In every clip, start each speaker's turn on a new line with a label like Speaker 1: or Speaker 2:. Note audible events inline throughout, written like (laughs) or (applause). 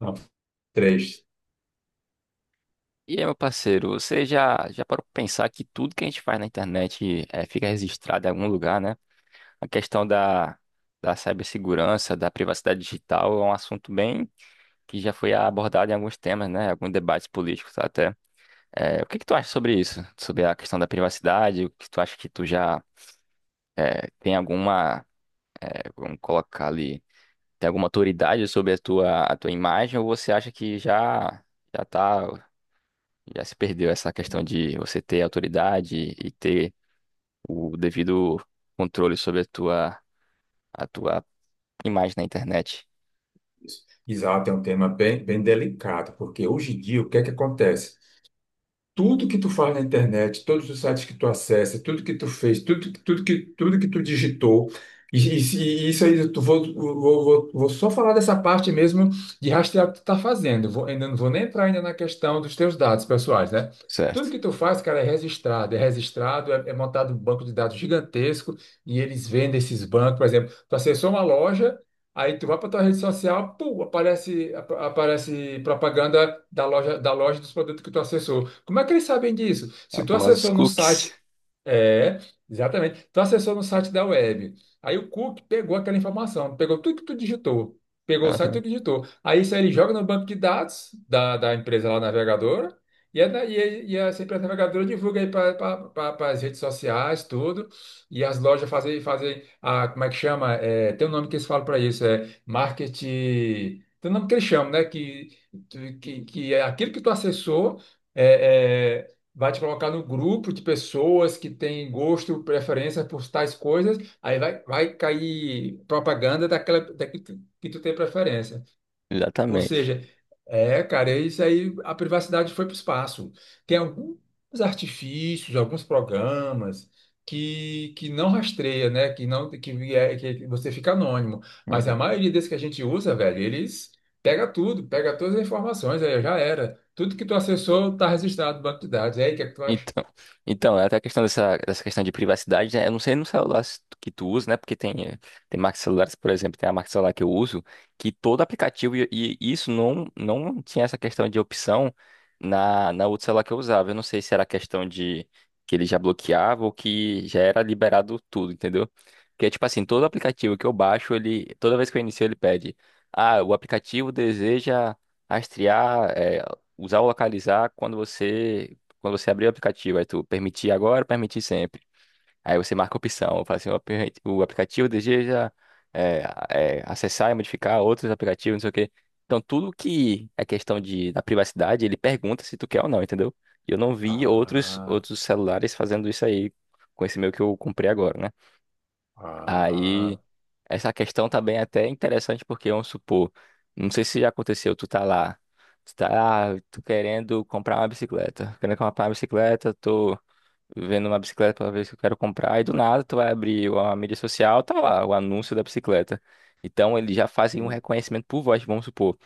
Speaker 1: Não, três.
Speaker 2: E aí, meu parceiro, você já parou pra pensar que tudo que a gente faz na internet, fica registrado em algum lugar, né? A questão da cibersegurança, da privacidade digital é um assunto bem que já foi abordado em alguns temas, né? Alguns debates políticos até. O que que tu acha sobre isso? Sobre a questão da privacidade? O que tu acha que tu já tem alguma, vamos colocar ali, tem alguma autoridade sobre a tua imagem, ou você acha que já tá Já se perdeu essa questão de você ter autoridade e ter o devido controle sobre a tua imagem na internet.
Speaker 1: Exato, é um tema bem, bem delicado, porque hoje em dia o que é que acontece? Tudo que tu faz na internet, todos os sites que tu acessa, tudo que tu fez, tudo, tudo tudo que tu digitou, e, e- e isso aí, eu tu vou, vou, vou, vou só falar dessa parte mesmo de rastrear o que tu tá fazendo. Vou, ainda não vou nem entrar ainda na questão dos teus dados pessoais, né? Tudo
Speaker 2: Certo.
Speaker 1: que tu faz, cara, é registrado, é registrado, é montado um banco de dados gigantesco e eles vendem esses bancos. Por exemplo, tu acessou uma loja. Aí tu vai para tua rede social, pum, aparece, aparece propaganda da loja dos produtos que tu acessou. Como é que eles sabem disso?
Speaker 2: É
Speaker 1: Se tu
Speaker 2: o
Speaker 1: acessou no
Speaker 2: cookies.
Speaker 1: site é, exatamente. Tu acessou no site da web. Aí o Cook pegou aquela informação, pegou tudo que tu digitou, pegou o site que
Speaker 2: Aham,
Speaker 1: tu digitou. Aí isso aí ele joga no banco de dados da empresa lá navegadora, e essa empresa navegadora divulga aí para as redes sociais, tudo, e as lojas fazem, fazem a, como é que chama? É, tem um nome que eles falam para isso, é marketing. Tem um nome que eles chamam, né? Que é aquilo que tu acessou. é, é, Vai te colocar no grupo de pessoas que têm gosto, preferência por tais coisas, aí vai cair propaganda daquela, da que tu tem preferência. Ou
Speaker 2: exatamente.
Speaker 1: seja, é, cara, é isso aí, a privacidade foi para o espaço. Tem alguns artifícios, alguns programas que não rastreia, né? Que não que, é, que você fica anônimo. Mas a
Speaker 2: Uhum.
Speaker 1: maioria desses que a gente usa, velho, eles pega tudo, pega todas as informações, aí já era. Tudo que tu acessou está registrado no banco de dados. E aí, o que é que tu acha?
Speaker 2: Então, então, é até a questão dessa, questão de privacidade, né? Eu não sei no celular se que tu usa, né? Porque tem marcas de celulares, por exemplo, tem a marca de celular que eu uso, que todo aplicativo, e isso não tinha essa questão de opção na outra celular que eu usava. Eu não sei se era questão de que ele já bloqueava ou que já era liberado tudo, entendeu? Porque, tipo assim, todo aplicativo que eu baixo, ele, toda vez que eu inicio, ele pede, ah, o aplicativo deseja rastrear, usar ou localizar quando você abrir o aplicativo, aí tu permitir agora, permitir sempre. Aí você marca a opção, fala assim, o aplicativo deseja, é, acessar e modificar outros aplicativos, não sei o quê. Então tudo que é questão de, da privacidade, ele pergunta se tu quer ou não, entendeu? E eu não vi outros,
Speaker 1: Ah,
Speaker 2: outros celulares fazendo isso aí com esse meu que eu comprei agora, né? Aí
Speaker 1: ah,
Speaker 2: essa questão também é até interessante porque, vamos supor, não sei se já aconteceu, tu tá lá. Tô querendo comprar uma bicicleta. Querendo comprar uma bicicleta, tô vendo uma bicicleta pela vez que eu quero comprar, e do nada tu vai abrir a mídia social, tá lá o anúncio da bicicleta. Então eles já fazem um
Speaker 1: e-
Speaker 2: reconhecimento por voz, vamos supor.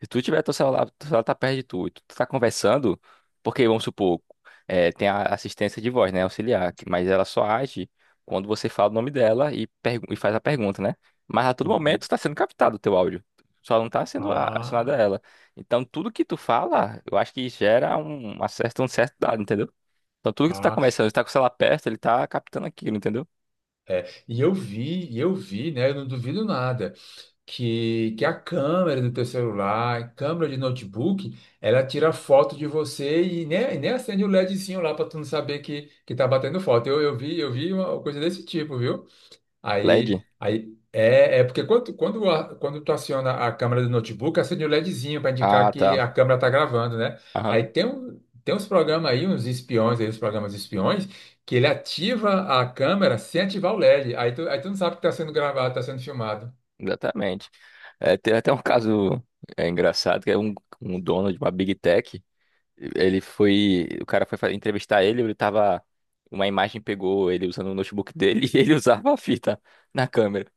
Speaker 2: Se tu tiver teu celular tá perto de tu, e tu tá conversando, porque vamos supor, tem a assistência de voz, né, auxiliar, mas ela só age quando você fala o nome dela e faz a pergunta, né? Mas a todo momento
Speaker 1: uhum.
Speaker 2: está sendo captado o teu áudio. Só não tá sendo acionada
Speaker 1: ah,
Speaker 2: ela. Então tudo que tu fala, eu acho que gera um certo dado, entendeu? Então tudo que tu tá
Speaker 1: ah,
Speaker 2: começando, tu tá com o celular perto, ele tá captando aquilo, entendeu?
Speaker 1: é. E eu vi, né? Eu não duvido nada que a câmera do teu celular, câmera de notebook, ela tira foto de você e nem acende o LEDzinho lá para tu não saber que tá batendo foto. Eu vi uma coisa desse tipo, viu?
Speaker 2: LED?
Speaker 1: É porque quando tu aciona a câmera do notebook, acende o LEDzinho para indicar
Speaker 2: Ah,
Speaker 1: que
Speaker 2: tá.
Speaker 1: a câmera está gravando, né? Aí
Speaker 2: Aham,
Speaker 1: tem, um, tem uns programas aí, uns espiões aí, os programas espiões, que ele ativa a câmera sem ativar o LED. Aí tu não sabe que está sendo gravado, está sendo filmado.
Speaker 2: exatamente. É, teve até um caso engraçado, que é um dono de uma Big Tech. O cara foi entrevistar ele, uma imagem pegou ele usando o notebook dele (laughs) e ele usava a fita na câmera.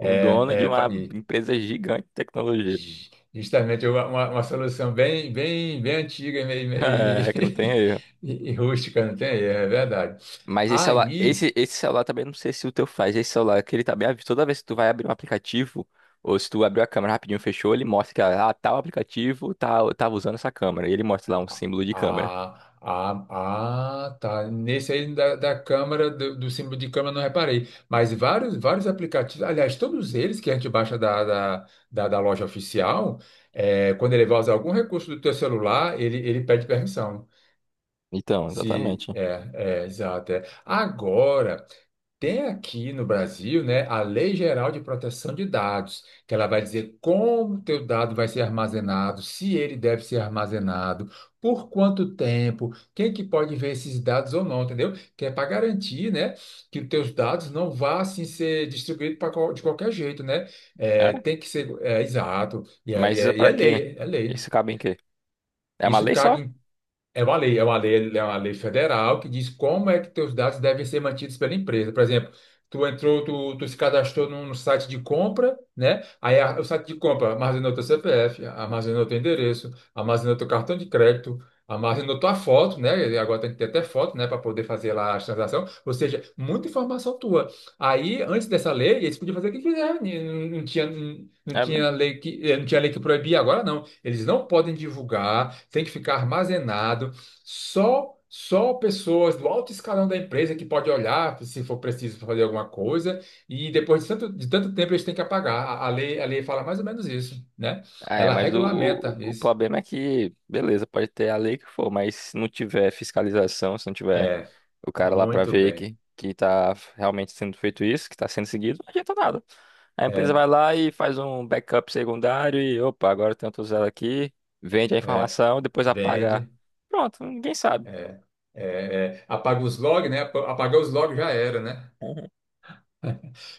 Speaker 2: Um dono de
Speaker 1: é, pa-
Speaker 2: uma
Speaker 1: e
Speaker 2: empresa gigante de tecnologia. (laughs)
Speaker 1: justamente uma solução bem, bem, bem antiga
Speaker 2: É, que não tem erro.
Speaker 1: (laughs) e rústica, não tem? É verdade.
Speaker 2: Mas esse celular,
Speaker 1: Aí.
Speaker 2: esse celular também não sei se o teu faz. Esse celular que ele tá bem toda vez que tu vai abrir um aplicativo, ou se tu abriu a câmera rapidinho, fechou, ele mostra que tal aplicativo tava usando essa câmera. E ele mostra lá um símbolo de câmera.
Speaker 1: Ah, ah, ah, tá. Nesse aí da câmera, do símbolo de câmera, eu não reparei. Mas vários, vários aplicativos, aliás, todos eles que a gente baixa da loja oficial, é, quando ele vai usar algum recurso do teu celular, ele pede permissão.
Speaker 2: Então,
Speaker 1: Se,
Speaker 2: exatamente.
Speaker 1: é, é, exato. É. Agora. Tem aqui no Brasil, né, a Lei Geral de Proteção de Dados, que ela vai dizer como o teu dado vai ser armazenado, se ele deve ser armazenado, por quanto tempo, quem que pode ver esses dados ou não, entendeu? Que é para garantir, né, que os teus dados não vá assim ser distribuído pra de qualquer jeito, né?
Speaker 2: É?
Speaker 1: É, tem que ser é, exato e é, e
Speaker 2: Mas isso é
Speaker 1: é e é
Speaker 2: pra quê?
Speaker 1: lei, é
Speaker 2: Isso
Speaker 1: lei.
Speaker 2: cabe em quê? É uma
Speaker 1: Isso
Speaker 2: lei só?
Speaker 1: cabe é uma lei, é uma lei, é uma lei federal que diz como é que teus dados devem ser mantidos pela empresa. Por exemplo, tu entrou, tu se cadastrou num site de compra, né? O site de compra armazenou teu CPF, armazenou teu endereço, armazenou teu cartão de crédito, armazenou tua foto, né? E agora tem que ter até foto, né, para poder fazer lá a transação. Ou seja, muita informação tua. Aí, antes dessa lei, eles podiam fazer o que quiser, né? Não
Speaker 2: É, mesmo?
Speaker 1: tinha lei que, não tinha lei que proibia. Agora, não. Eles não podem divulgar, tem que ficar armazenado. Só pessoas do alto escalão da empresa que pode olhar se for preciso fazer alguma coisa, e depois de tanto tempo eles têm que apagar. A lei fala mais ou menos isso, né?
Speaker 2: Ah, é,
Speaker 1: Ela
Speaker 2: mas
Speaker 1: regulamenta
Speaker 2: o
Speaker 1: isso.
Speaker 2: problema é que, beleza, pode ter a lei que for, mas se não tiver fiscalização, se não tiver
Speaker 1: É,
Speaker 2: o cara lá pra
Speaker 1: muito
Speaker 2: ver
Speaker 1: bem.
Speaker 2: que tá realmente sendo feito isso, que tá sendo seguido, não adianta nada. A empresa
Speaker 1: É,
Speaker 2: vai lá e faz um backup secundário e, opa, agora tem outro zero aqui, vende a
Speaker 1: é,
Speaker 2: informação, depois apaga.
Speaker 1: vende,
Speaker 2: Pronto, ninguém sabe.
Speaker 1: é, é, apaga os logs, né? Apagar os logs já era, né?
Speaker 2: (laughs) Uhum.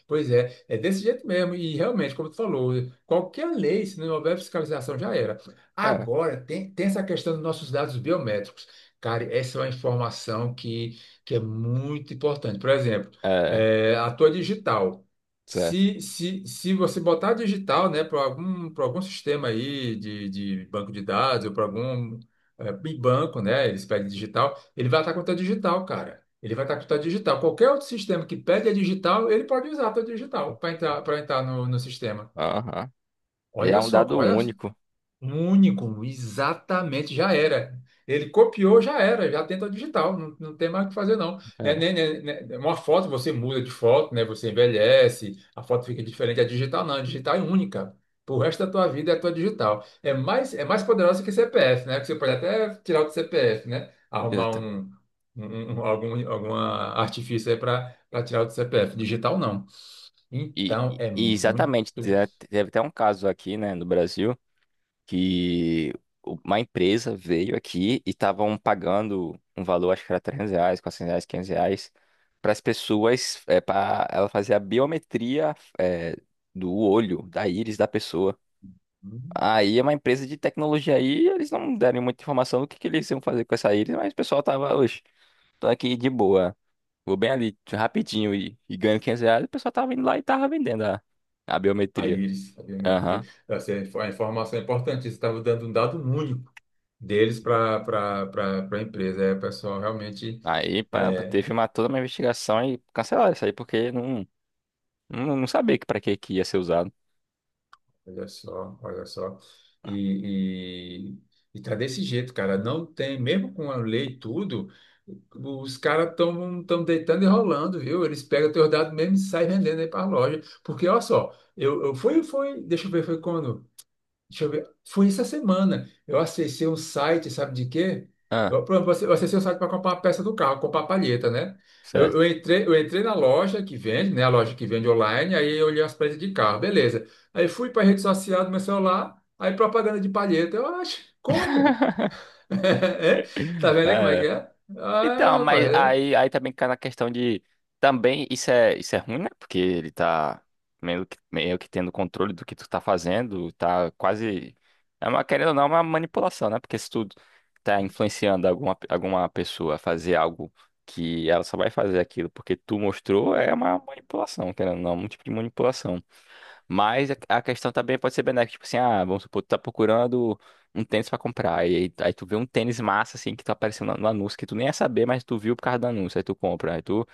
Speaker 1: Pois é, é desse jeito mesmo. E realmente, como tu falou, qualquer lei, se não houver fiscalização, já era.
Speaker 2: É,
Speaker 1: Agora, tem, tem essa questão dos nossos dados biométricos. Cara, essa é uma informação que é muito importante. Por exemplo,
Speaker 2: é,
Speaker 1: a tua digital.
Speaker 2: certo.
Speaker 1: Se você botar a digital, né, para algum sistema aí de banco de dados ou para algum banco, né, eles pedem digital, ele vai estar com a tua digital, cara. Ele vai estar com digital. Qualquer outro sistema que pede a digital, ele pode usar a tua digital para entrar no sistema.
Speaker 2: Aham. E é
Speaker 1: Olha
Speaker 2: um
Speaker 1: só,
Speaker 2: dado
Speaker 1: olha
Speaker 2: único.
Speaker 1: um único, exatamente, já era. Ele copiou, já era, já tem a digital, não tem mais o que fazer, não.
Speaker 2: É.
Speaker 1: Né, Uma foto você muda de foto, né? Você envelhece, a foto fica diferente. A digital não, a digital é única. Pro resto da tua vida é a tua digital. É mais poderosa que CPF, né? Que você pode até tirar do CPF, né? Arrumar
Speaker 2: Exata-
Speaker 1: um, algum, alguma artifício aí para tirar do CPF. Digital não.
Speaker 2: E,
Speaker 1: Então
Speaker 2: e-
Speaker 1: é
Speaker 2: e
Speaker 1: muito.
Speaker 2: exatamente, teve até um caso aqui, né, no Brasil, que uma empresa veio aqui e estavam pagando um valor, acho que era R$ 300, R$ 400, R$ 500, para as pessoas, para ela fazer a biometria, do olho, da íris da pessoa. Aí é uma empresa de tecnologia aí, eles não deram muita informação do que eles iam fazer com essa íris, mas o pessoal tava, oxe, tô aqui de boa, vou bem ali, rapidinho, e ganho R$ 500, o pessoal tava indo lá e tava vendendo a biometria.
Speaker 1: Aires, a biometria.
Speaker 2: Aham.
Speaker 1: Essa é a informação é importante. Isso estava dando um dado único deles para a empresa. É, o pessoal, realmente,
Speaker 2: Aí pá,
Speaker 1: é,
Speaker 2: teve toda uma investigação e cancelaram isso aí, porque não sabia que para que que ia ser usado.
Speaker 1: olha só, olha só. E, e tá desse jeito, cara. Não tem, mesmo com a lei e tudo, os caras estão tão deitando e rolando, viu? Eles pegam teus dados mesmo e saem vendendo aí para a loja. Porque, olha só, eu fui, foi, deixa eu ver, foi quando? Deixa eu ver. Foi essa semana. Eu acessei um site, sabe de quê?
Speaker 2: Ah,
Speaker 1: Eu, por exemplo, eu acessei um site para comprar uma peça do carro, comprar a palheta, né?
Speaker 2: certo.
Speaker 1: Eu entrei na loja que vende, né? A loja que vende online, aí eu olhei as peças de carro, beleza. Aí fui para a rede social do meu celular, aí propaganda de palheta. Eu acho, como? (laughs) É? Tá vendo aí como é que
Speaker 2: É.
Speaker 1: é? Ah,
Speaker 2: Então, mas
Speaker 1: rapaz.
Speaker 2: aí também cai na questão de. Também isso é ruim, né? Porque ele tá meio que tendo controle do que tu tá fazendo, tá quase. É uma, querendo ou não, é uma manipulação, né? Porque se tu tá influenciando alguma pessoa a fazer algo que ela só vai fazer aquilo porque tu mostrou, é uma manipulação, querendo ou não, é um tipo de manipulação. Mas a questão também pode ser benéfica, tipo assim, ah, vamos supor, tu tá procurando um tênis pra comprar, e aí tu vê um tênis massa, assim, que tá aparecendo no anúncio, que tu nem ia saber, mas tu viu por causa do anúncio, aí tu compra,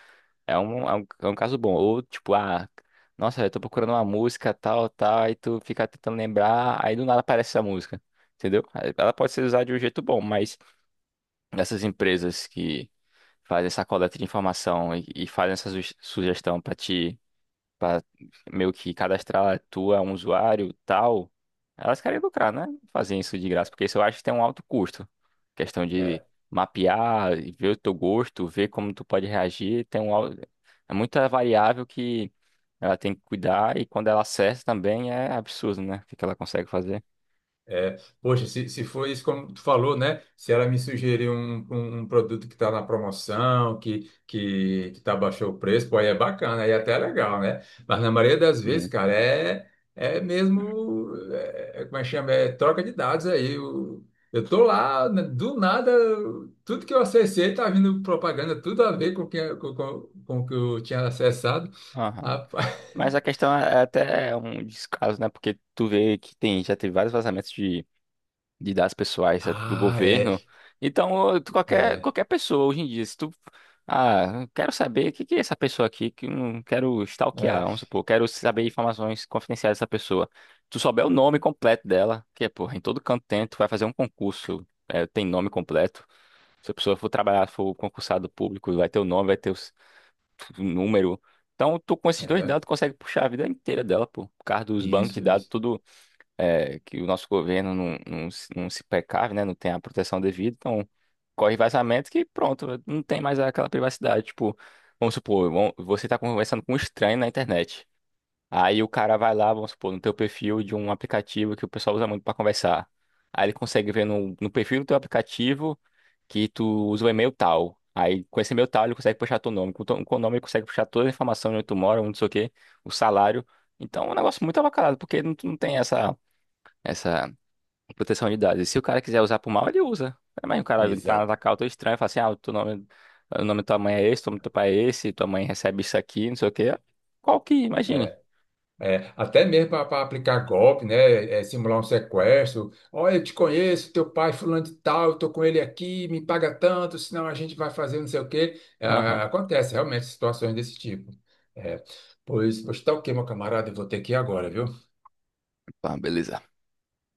Speaker 2: é um caso bom, ou tipo, ah, nossa, eu tô procurando uma música, tal, tal, aí tu fica tentando lembrar, aí do nada aparece essa música, entendeu? Aí ela pode ser usada de um jeito bom, mas essas empresas que fazem essa coleta de informação e fazem essa sugestão pra ti pra meio que cadastrar tu é um usuário tal, elas querem lucrar, né? Fazer isso de graça, porque isso eu acho que tem um alto custo. Questão de
Speaker 1: É.
Speaker 2: mapear, e ver o teu gosto, ver como tu pode reagir, tem um é muita variável que ela tem que cuidar, e quando ela acerta também é absurdo, né? O que que ela consegue fazer.
Speaker 1: É, poxa, se for isso como tu falou, né? Se ela me sugerir um, um produto que está na promoção, que tá baixou o preço, pô, aí é bacana, aí até é legal, né? Mas na maioria das vezes,
Speaker 2: Hum.
Speaker 1: cara, é mesmo, é, como é que chama? É troca de dados aí. Eu tô lá, né, do nada, tudo que eu acessei tá vindo propaganda, tudo a ver com o que, com o que eu tinha acessado.
Speaker 2: Aham.
Speaker 1: Rapaz.
Speaker 2: Mas a
Speaker 1: (laughs)
Speaker 2: questão é até um descaso, né? Porque tu vê que tem, já teve vários vazamentos de dados pessoais, do
Speaker 1: Ah, é,
Speaker 2: governo. Então, qualquer,
Speaker 1: é,
Speaker 2: qualquer pessoa hoje em dia, se tu. Ah, eu quero saber o que que é essa pessoa aqui que eu não quero stalkear,
Speaker 1: é,
Speaker 2: vamos supor, quero saber informações confidenciais dessa pessoa. Tu souber o nome completo dela, que é, porra, em todo canto tem, tu vai fazer um concurso, tem nome completo. Se a pessoa for trabalhar, for concursado público, vai ter o nome, vai ter o número. Então, tu com esses dois
Speaker 1: é,
Speaker 2: dados consegue puxar a vida inteira dela, pô, por causa dos bancos de
Speaker 1: isso,
Speaker 2: dados,
Speaker 1: isso.
Speaker 2: tudo é, que o nosso governo se não se precave, né? Não tem a proteção devida, então corre vazamento que pronto, não tem mais aquela privacidade. Tipo, vamos supor, você tá conversando com um estranho na internet. Aí o cara vai lá, vamos supor, no teu perfil de um aplicativo que o pessoal usa muito para conversar. Aí ele consegue ver no perfil do teu aplicativo que tu usa o e-mail tal. Aí com esse e-mail tal ele consegue puxar teu nome. Com o nome ele consegue puxar toda a informação de onde tu mora, onde não sei o quê, o salário. Então é um negócio muito avacalhado, porque não, tu não tem essa. Essa proteção de dados. E se o cara quiser usar pro mal, ele usa. Mas o cara entrar
Speaker 1: Exato.
Speaker 2: na tua estranho estranha e falar assim, ah, o teu nome, o nome da tua mãe é esse, o nome do teu pai é esse, tua mãe recebe isso aqui, não sei o quê. Qual que, imagine.
Speaker 1: É, é, até mesmo para aplicar golpe, né? É, simular um sequestro. Olha, eu te conheço, teu pai fulano de tal, eu tô com ele aqui, me paga tanto, senão a gente vai fazer não sei o quê.
Speaker 2: Aham.
Speaker 1: Ah, acontece realmente situações desse tipo. É, pois tá ok, meu camarada, eu vou ter que ir agora, viu?
Speaker 2: Tá, beleza.